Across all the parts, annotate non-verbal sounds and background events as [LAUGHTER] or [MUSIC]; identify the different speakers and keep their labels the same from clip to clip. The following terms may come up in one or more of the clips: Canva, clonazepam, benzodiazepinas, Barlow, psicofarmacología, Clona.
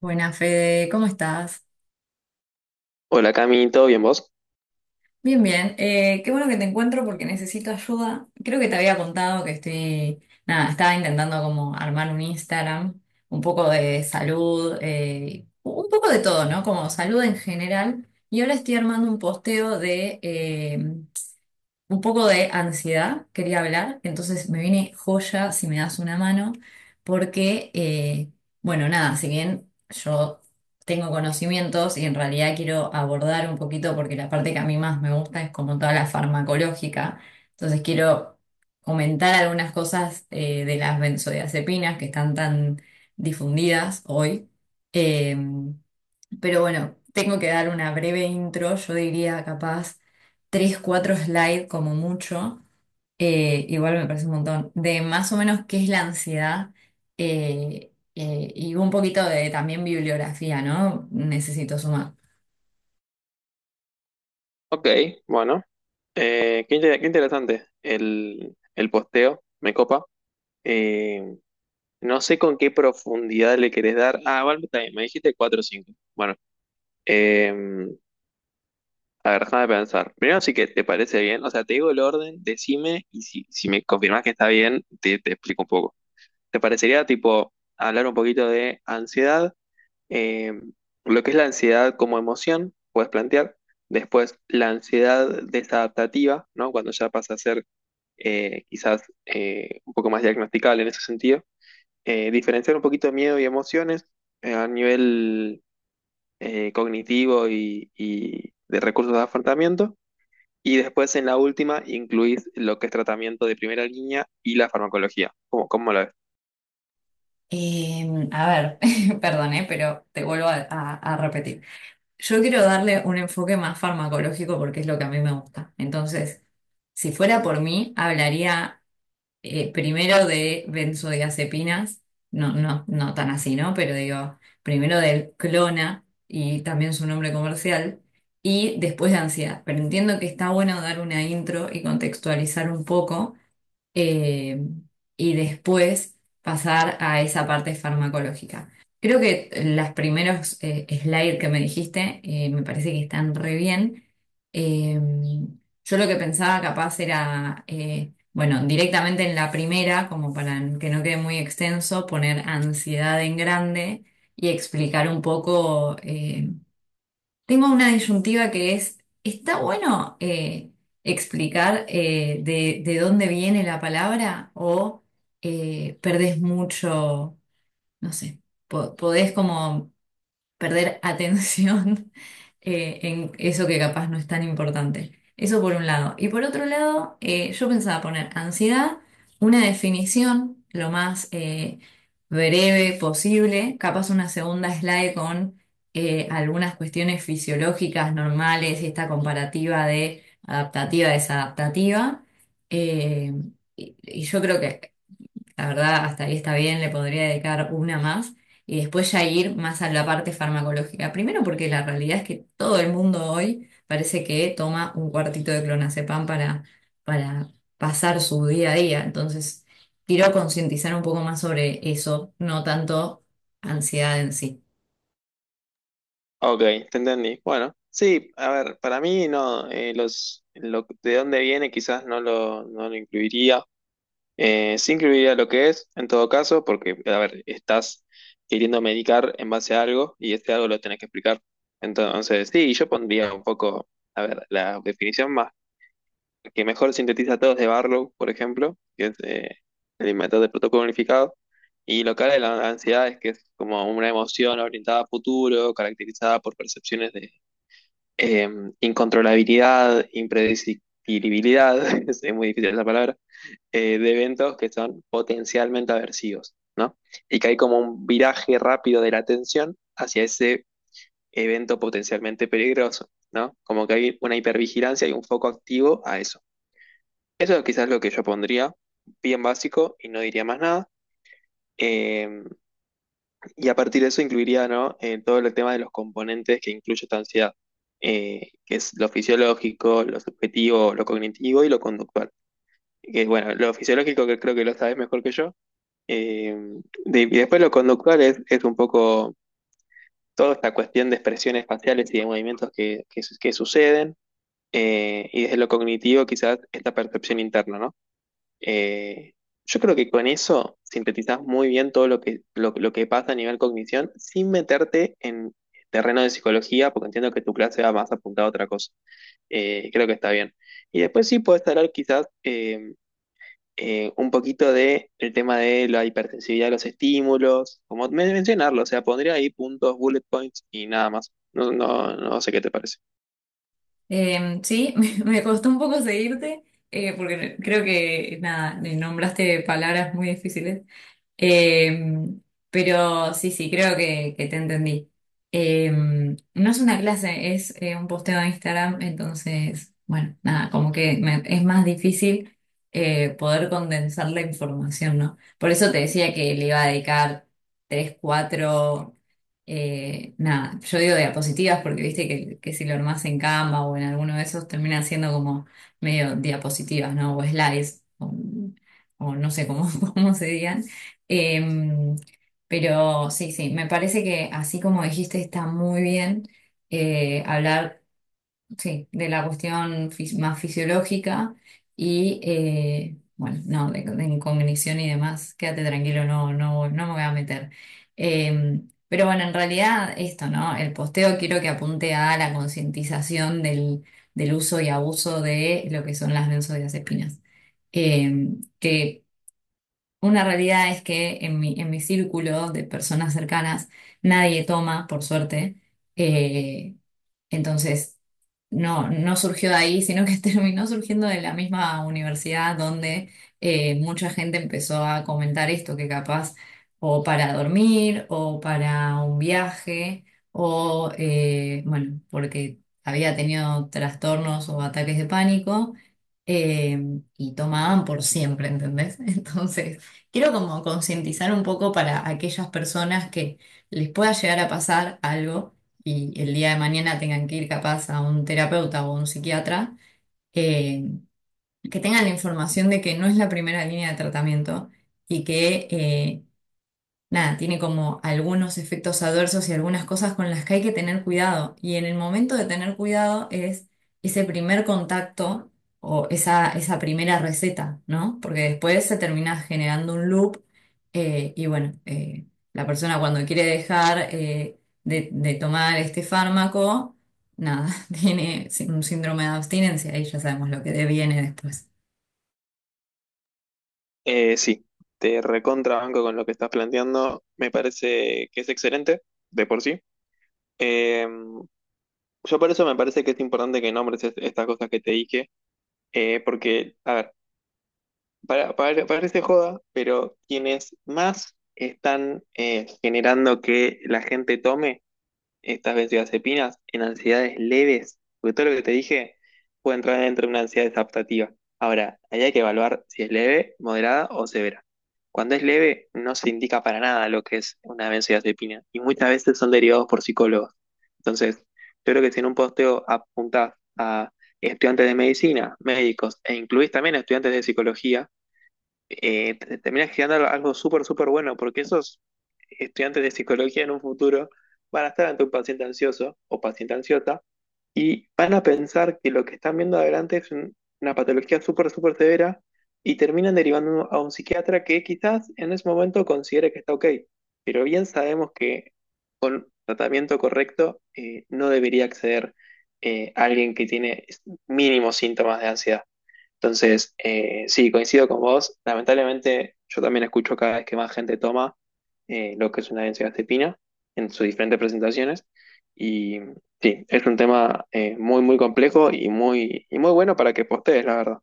Speaker 1: Buenas, Fede, ¿cómo estás?
Speaker 2: Hola Cami, ¿todo bien vos?
Speaker 1: Bien, bien. Qué bueno que te encuentro porque necesito ayuda. Creo que te había contado que estoy, nada, estaba intentando como armar un Instagram, un poco de salud, un poco de todo, ¿no? Como salud en general. Y ahora estoy armando un posteo de, un poco de ansiedad, quería hablar, entonces me viene joya si me das una mano, porque, bueno, nada, si bien yo tengo conocimientos y en realidad quiero abordar un poquito, porque la parte que a mí más me gusta es como toda la farmacológica, entonces quiero comentar algunas cosas de las benzodiazepinas que están tan difundidas hoy. Em, pero bueno, tengo que dar una breve intro, yo diría capaz tres, cuatro slides como mucho, igual me parece un montón, de más o menos qué es la ansiedad y un poquito de también bibliografía, ¿no? Necesito sumar.
Speaker 2: Ok, bueno, qué, qué interesante el posteo, me copa. Eh, no sé con qué profundidad le querés dar. Ah, bueno, está bien, me dijiste 4 o 5. Bueno, eh, a ver, déjame pensar. Primero sí que te parece bien, o sea, te digo el orden, decime y si me confirmás que está bien, te explico un poco. ¿Te parecería tipo hablar un poquito de ansiedad? eh, lo que es la ansiedad como emoción, puedes plantear. Después, la ansiedad desadaptativa, ¿no? Cuando ya pasa a ser quizás un poco más diagnosticable en ese sentido. Diferenciar un poquito de miedo y emociones a nivel cognitivo y de recursos de afrontamiento. Y después, en la última, incluís lo que es tratamiento de primera línea y la farmacología. ¿Cómo, cómo lo ves?
Speaker 1: A ver, [LAUGHS] perdón, pero te vuelvo a repetir. Yo quiero darle un enfoque más farmacológico porque es lo que a mí me gusta. Entonces, si fuera por mí, hablaría primero de benzodiazepinas, no, no, no tan así, ¿no? Pero digo, primero del Clona y también su nombre comercial, y después de ansiedad. Pero entiendo que está bueno dar una intro y contextualizar un poco eh, y después pasar a esa parte farmacológica. Creo que los primeros slides que me dijiste me parece que están re bien. Eh, yo lo que pensaba capaz era, bueno, directamente en la primera, como para que no quede muy extenso, poner ansiedad en grande y explicar un poco. Tengo una disyuntiva que es, ¿está bueno explicar de dónde viene la palabra o perdés mucho, no sé, podés como perder atención [LAUGHS] en eso que capaz no es tan importante. Eso por un lado. Y por otro lado, yo pensaba poner ansiedad, una definición lo más breve posible, capaz una segunda slide con algunas cuestiones fisiológicas normales y esta comparativa de adaptativa, desadaptativa. Eh, y yo creo que la verdad, hasta ahí está bien, le podría dedicar una más y después ya ir más a la parte farmacológica. Primero porque la realidad es que todo el mundo hoy parece que toma un cuartito de clonazepam para pasar su día a día. Entonces, quiero concientizar un poco más sobre eso, no tanto ansiedad en sí.
Speaker 2: Ok, te entendí. Bueno, sí, a ver, para mí no, lo, de dónde viene quizás no no lo incluiría. Sí incluiría lo que es, en todo caso, porque, a ver, estás queriendo medicar en base a algo y este algo lo tenés que explicar. Entonces, sí, yo pondría un poco, a ver, la definición más que mejor sintetiza todo es de Barlow, por ejemplo, que es el inventor del protocolo unificado. Y lo que habla de la ansiedad es que es como una emoción orientada a futuro, caracterizada por percepciones, eh, incontrolabilidad, impredecibilidad, [LAUGHS] es muy difícil esa palabra, de eventos que son potencialmente aversivos, ¿no? Y que hay como un viraje rápido de la atención hacia ese evento potencialmente peligroso, ¿no? Como que hay una hipervigilancia y un foco activo a eso. Eso es quizás lo que yo pondría bien básico y no diría más nada. Eh, y a partir de eso incluiría, ¿no? Todo el tema de los componentes que incluye esta ansiedad, que es lo fisiológico, lo subjetivo, lo cognitivo y lo conductual. Que bueno, lo fisiológico que creo que lo sabes mejor que yo. eh, y después lo conductual es un poco toda esta cuestión de expresiones faciales y de movimientos que suceden. Eh, y desde lo cognitivo quizás esta percepción interna, ¿no? Eh, yo creo que con eso sintetizás muy bien todo lo lo que pasa a nivel cognición sin meterte en terreno de psicología, porque entiendo que tu clase va más apuntada a otra cosa. Creo que está bien. Y después sí puedes hablar quizás un poquito de el tema de la hipersensibilidad de los estímulos, como mencionarlo, o sea, pondría ahí puntos, bullet points y nada más. No, no, no sé qué te parece.
Speaker 1: Sí, [LAUGHS] me costó un poco seguirte porque creo que, nada, nombraste palabras muy difíciles. Eh, pero sí, sí, creo que te entendí. No es una clase, es un posteo de Instagram, entonces, bueno, nada, como que es más difícil poder condensar la información, ¿no? Por eso te decía que le iba a dedicar tres, cuatro, nada, yo digo diapositivas porque viste que si lo armás en Canva o en alguno de esos termina siendo como medio diapositivas, ¿no? O slides, o no sé cómo, [LAUGHS] cómo se digan. Em, pero sí, sí, me parece que así como dijiste, está muy bien hablar, sí, de la cuestión más fisiológica y, bueno, no, de incognición y demás, quédate tranquilo, no, no, no me voy a meter. Pero bueno, en realidad esto, ¿no? El posteo quiero que apunte a la concientización del, del uso y abuso de lo que son las benzodiazepinas. Que una realidad es que en mi círculo de personas cercanas nadie toma, por suerte, eh, entonces, no, no surgió de ahí, sino que [LAUGHS] terminó surgiendo de la misma universidad donde mucha gente empezó a comentar esto, que capaz o para dormir o para un viaje o, bueno, porque había tenido trastornos o ataques de pánico y tomaban por siempre, ¿entendés? [LAUGHS] Entonces, quiero como concientizar un poco para aquellas personas que les pueda llegar a pasar algo y el día de mañana tengan que ir capaz a un terapeuta o a un psiquiatra, eh, que tengan la información de que no es la primera línea de tratamiento y que nada, tiene como algunos efectos adversos y algunas cosas con las que hay que tener cuidado. Y en el momento de tener cuidado es ese primer contacto o esa primera receta, ¿no? Porque después se termina generando un loop y bueno, la persona cuando quiere dejar de tomar este fármaco, nada, [LAUGHS] tiene un síndrome de abstinencia y ya sabemos lo que deviene después.
Speaker 2: Sí, te recontrabanco con lo que estás planteando. Me parece que es excelente de por sí. Eh, yo por eso me parece que es importante que nombres estas cosas que te dije, porque, a ver, parece joda, pero quienes más están generando que la gente tome estas benzodiazepinas en ansiedades leves, porque todo lo que te dije puede entrar dentro de una ansiedad adaptativa. Ahora, ahí hay que evaluar si es leve, moderada o severa. Cuando es leve, no se indica para nada lo que es una benzodiazepina y muchas veces son derivados por psicólogos. Entonces, yo creo que si en un posteo apuntás a estudiantes de medicina, médicos e incluís también a estudiantes de psicología, terminas creando algo súper, súper bueno, porque esos estudiantes de psicología en un futuro van a estar ante un paciente ansioso o paciente ansiosa y van a pensar que lo que están viendo adelante es una patología súper, súper severa y terminan derivando a un psiquiatra que quizás en ese momento considere que está ok, pero bien sabemos que con tratamiento correcto no debería acceder a alguien que tiene mínimos síntomas de ansiedad. Entonces, sí, coincido con vos. Lamentablemente, yo también escucho cada vez que más gente toma lo que es una benzodiazepina en sus diferentes presentaciones. Y sí, es un tema muy, muy complejo y muy bueno para que postees, la verdad.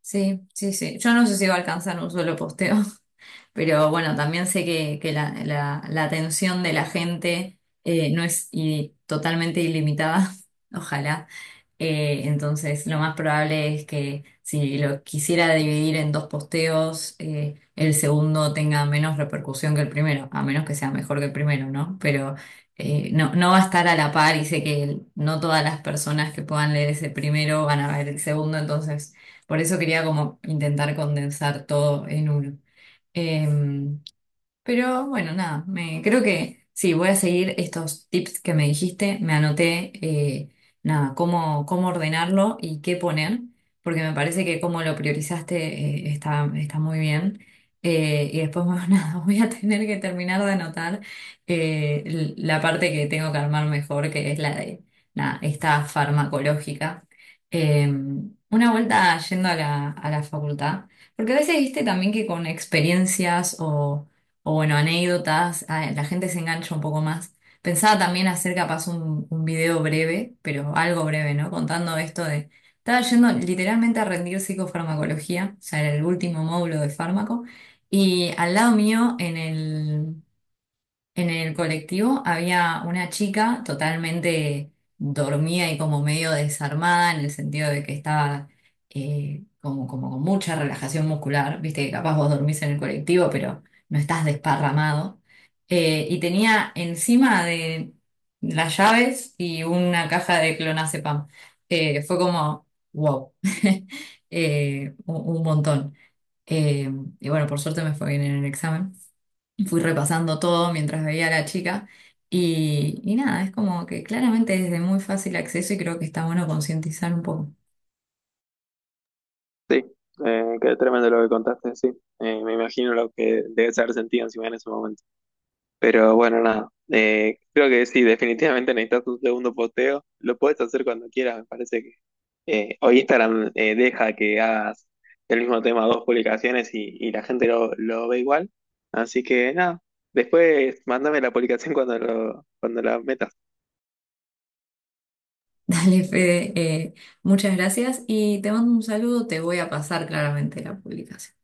Speaker 1: Sí, sí, sí. Yo no sé si va a alcanzar un solo posteo. Pero bueno, también sé que la atención de la gente no es totalmente ilimitada, [LAUGHS] ojalá. Entonces, lo más probable es que si lo quisiera dividir en dos posteos, el segundo tenga menos repercusión que el primero, a menos que sea mejor que el primero, ¿no? Pero no, no va a estar a la par y sé que no todas las personas que puedan leer ese primero van a ver el segundo, entonces por eso quería como intentar condensar todo en uno. Em, pero bueno, nada, me, creo que sí, voy a seguir estos tips que me dijiste, me anoté, nada, cómo, cómo ordenarlo y qué poner, porque me parece que como lo priorizaste, está, está muy bien. Y después, bueno, [LAUGHS] nada, voy a tener que terminar de anotar la parte que tengo que armar mejor, que es la de, nada, esta farmacológica. Eh, una vuelta yendo a la facultad, porque a veces viste también que con experiencias o bueno, anécdotas, ah, la gente se engancha un poco más. Pensaba también hacer capaz un video breve, pero algo breve, ¿no? Contando esto de, estaba yendo literalmente a rendir psicofarmacología, o sea, era el último módulo de fármaco, y al lado mío en el colectivo había una chica totalmente dormida y como medio desarmada en el sentido de que estaba como, como con mucha relajación muscular. Viste que capaz vos dormís en el colectivo, pero no estás desparramado. Y tenía encima de las llaves y una caja de clonazepam. Fue como, wow. [LAUGHS] Un montón. Eh, y bueno, por suerte me fue bien en el examen. Fui repasando todo mientras veía a la chica y nada, es como que claramente es de muy fácil acceso y creo que está bueno concientizar un poco.
Speaker 2: Sí, qué tremendo lo que contaste, sí. Me imagino lo que debes haber sentido encima en ese momento. Pero bueno, nada. Creo que sí, definitivamente necesitas un segundo posteo. Lo puedes hacer cuando quieras, me parece. Hoy Instagram deja que hagas el mismo tema, dos publicaciones y la gente lo ve igual. Así que nada, después mándame la publicación cuando, lo, cuando la metas.
Speaker 1: [LAUGHS] Dale, Fede, muchas gracias y te mando un saludo, te voy a pasar claramente la publicación.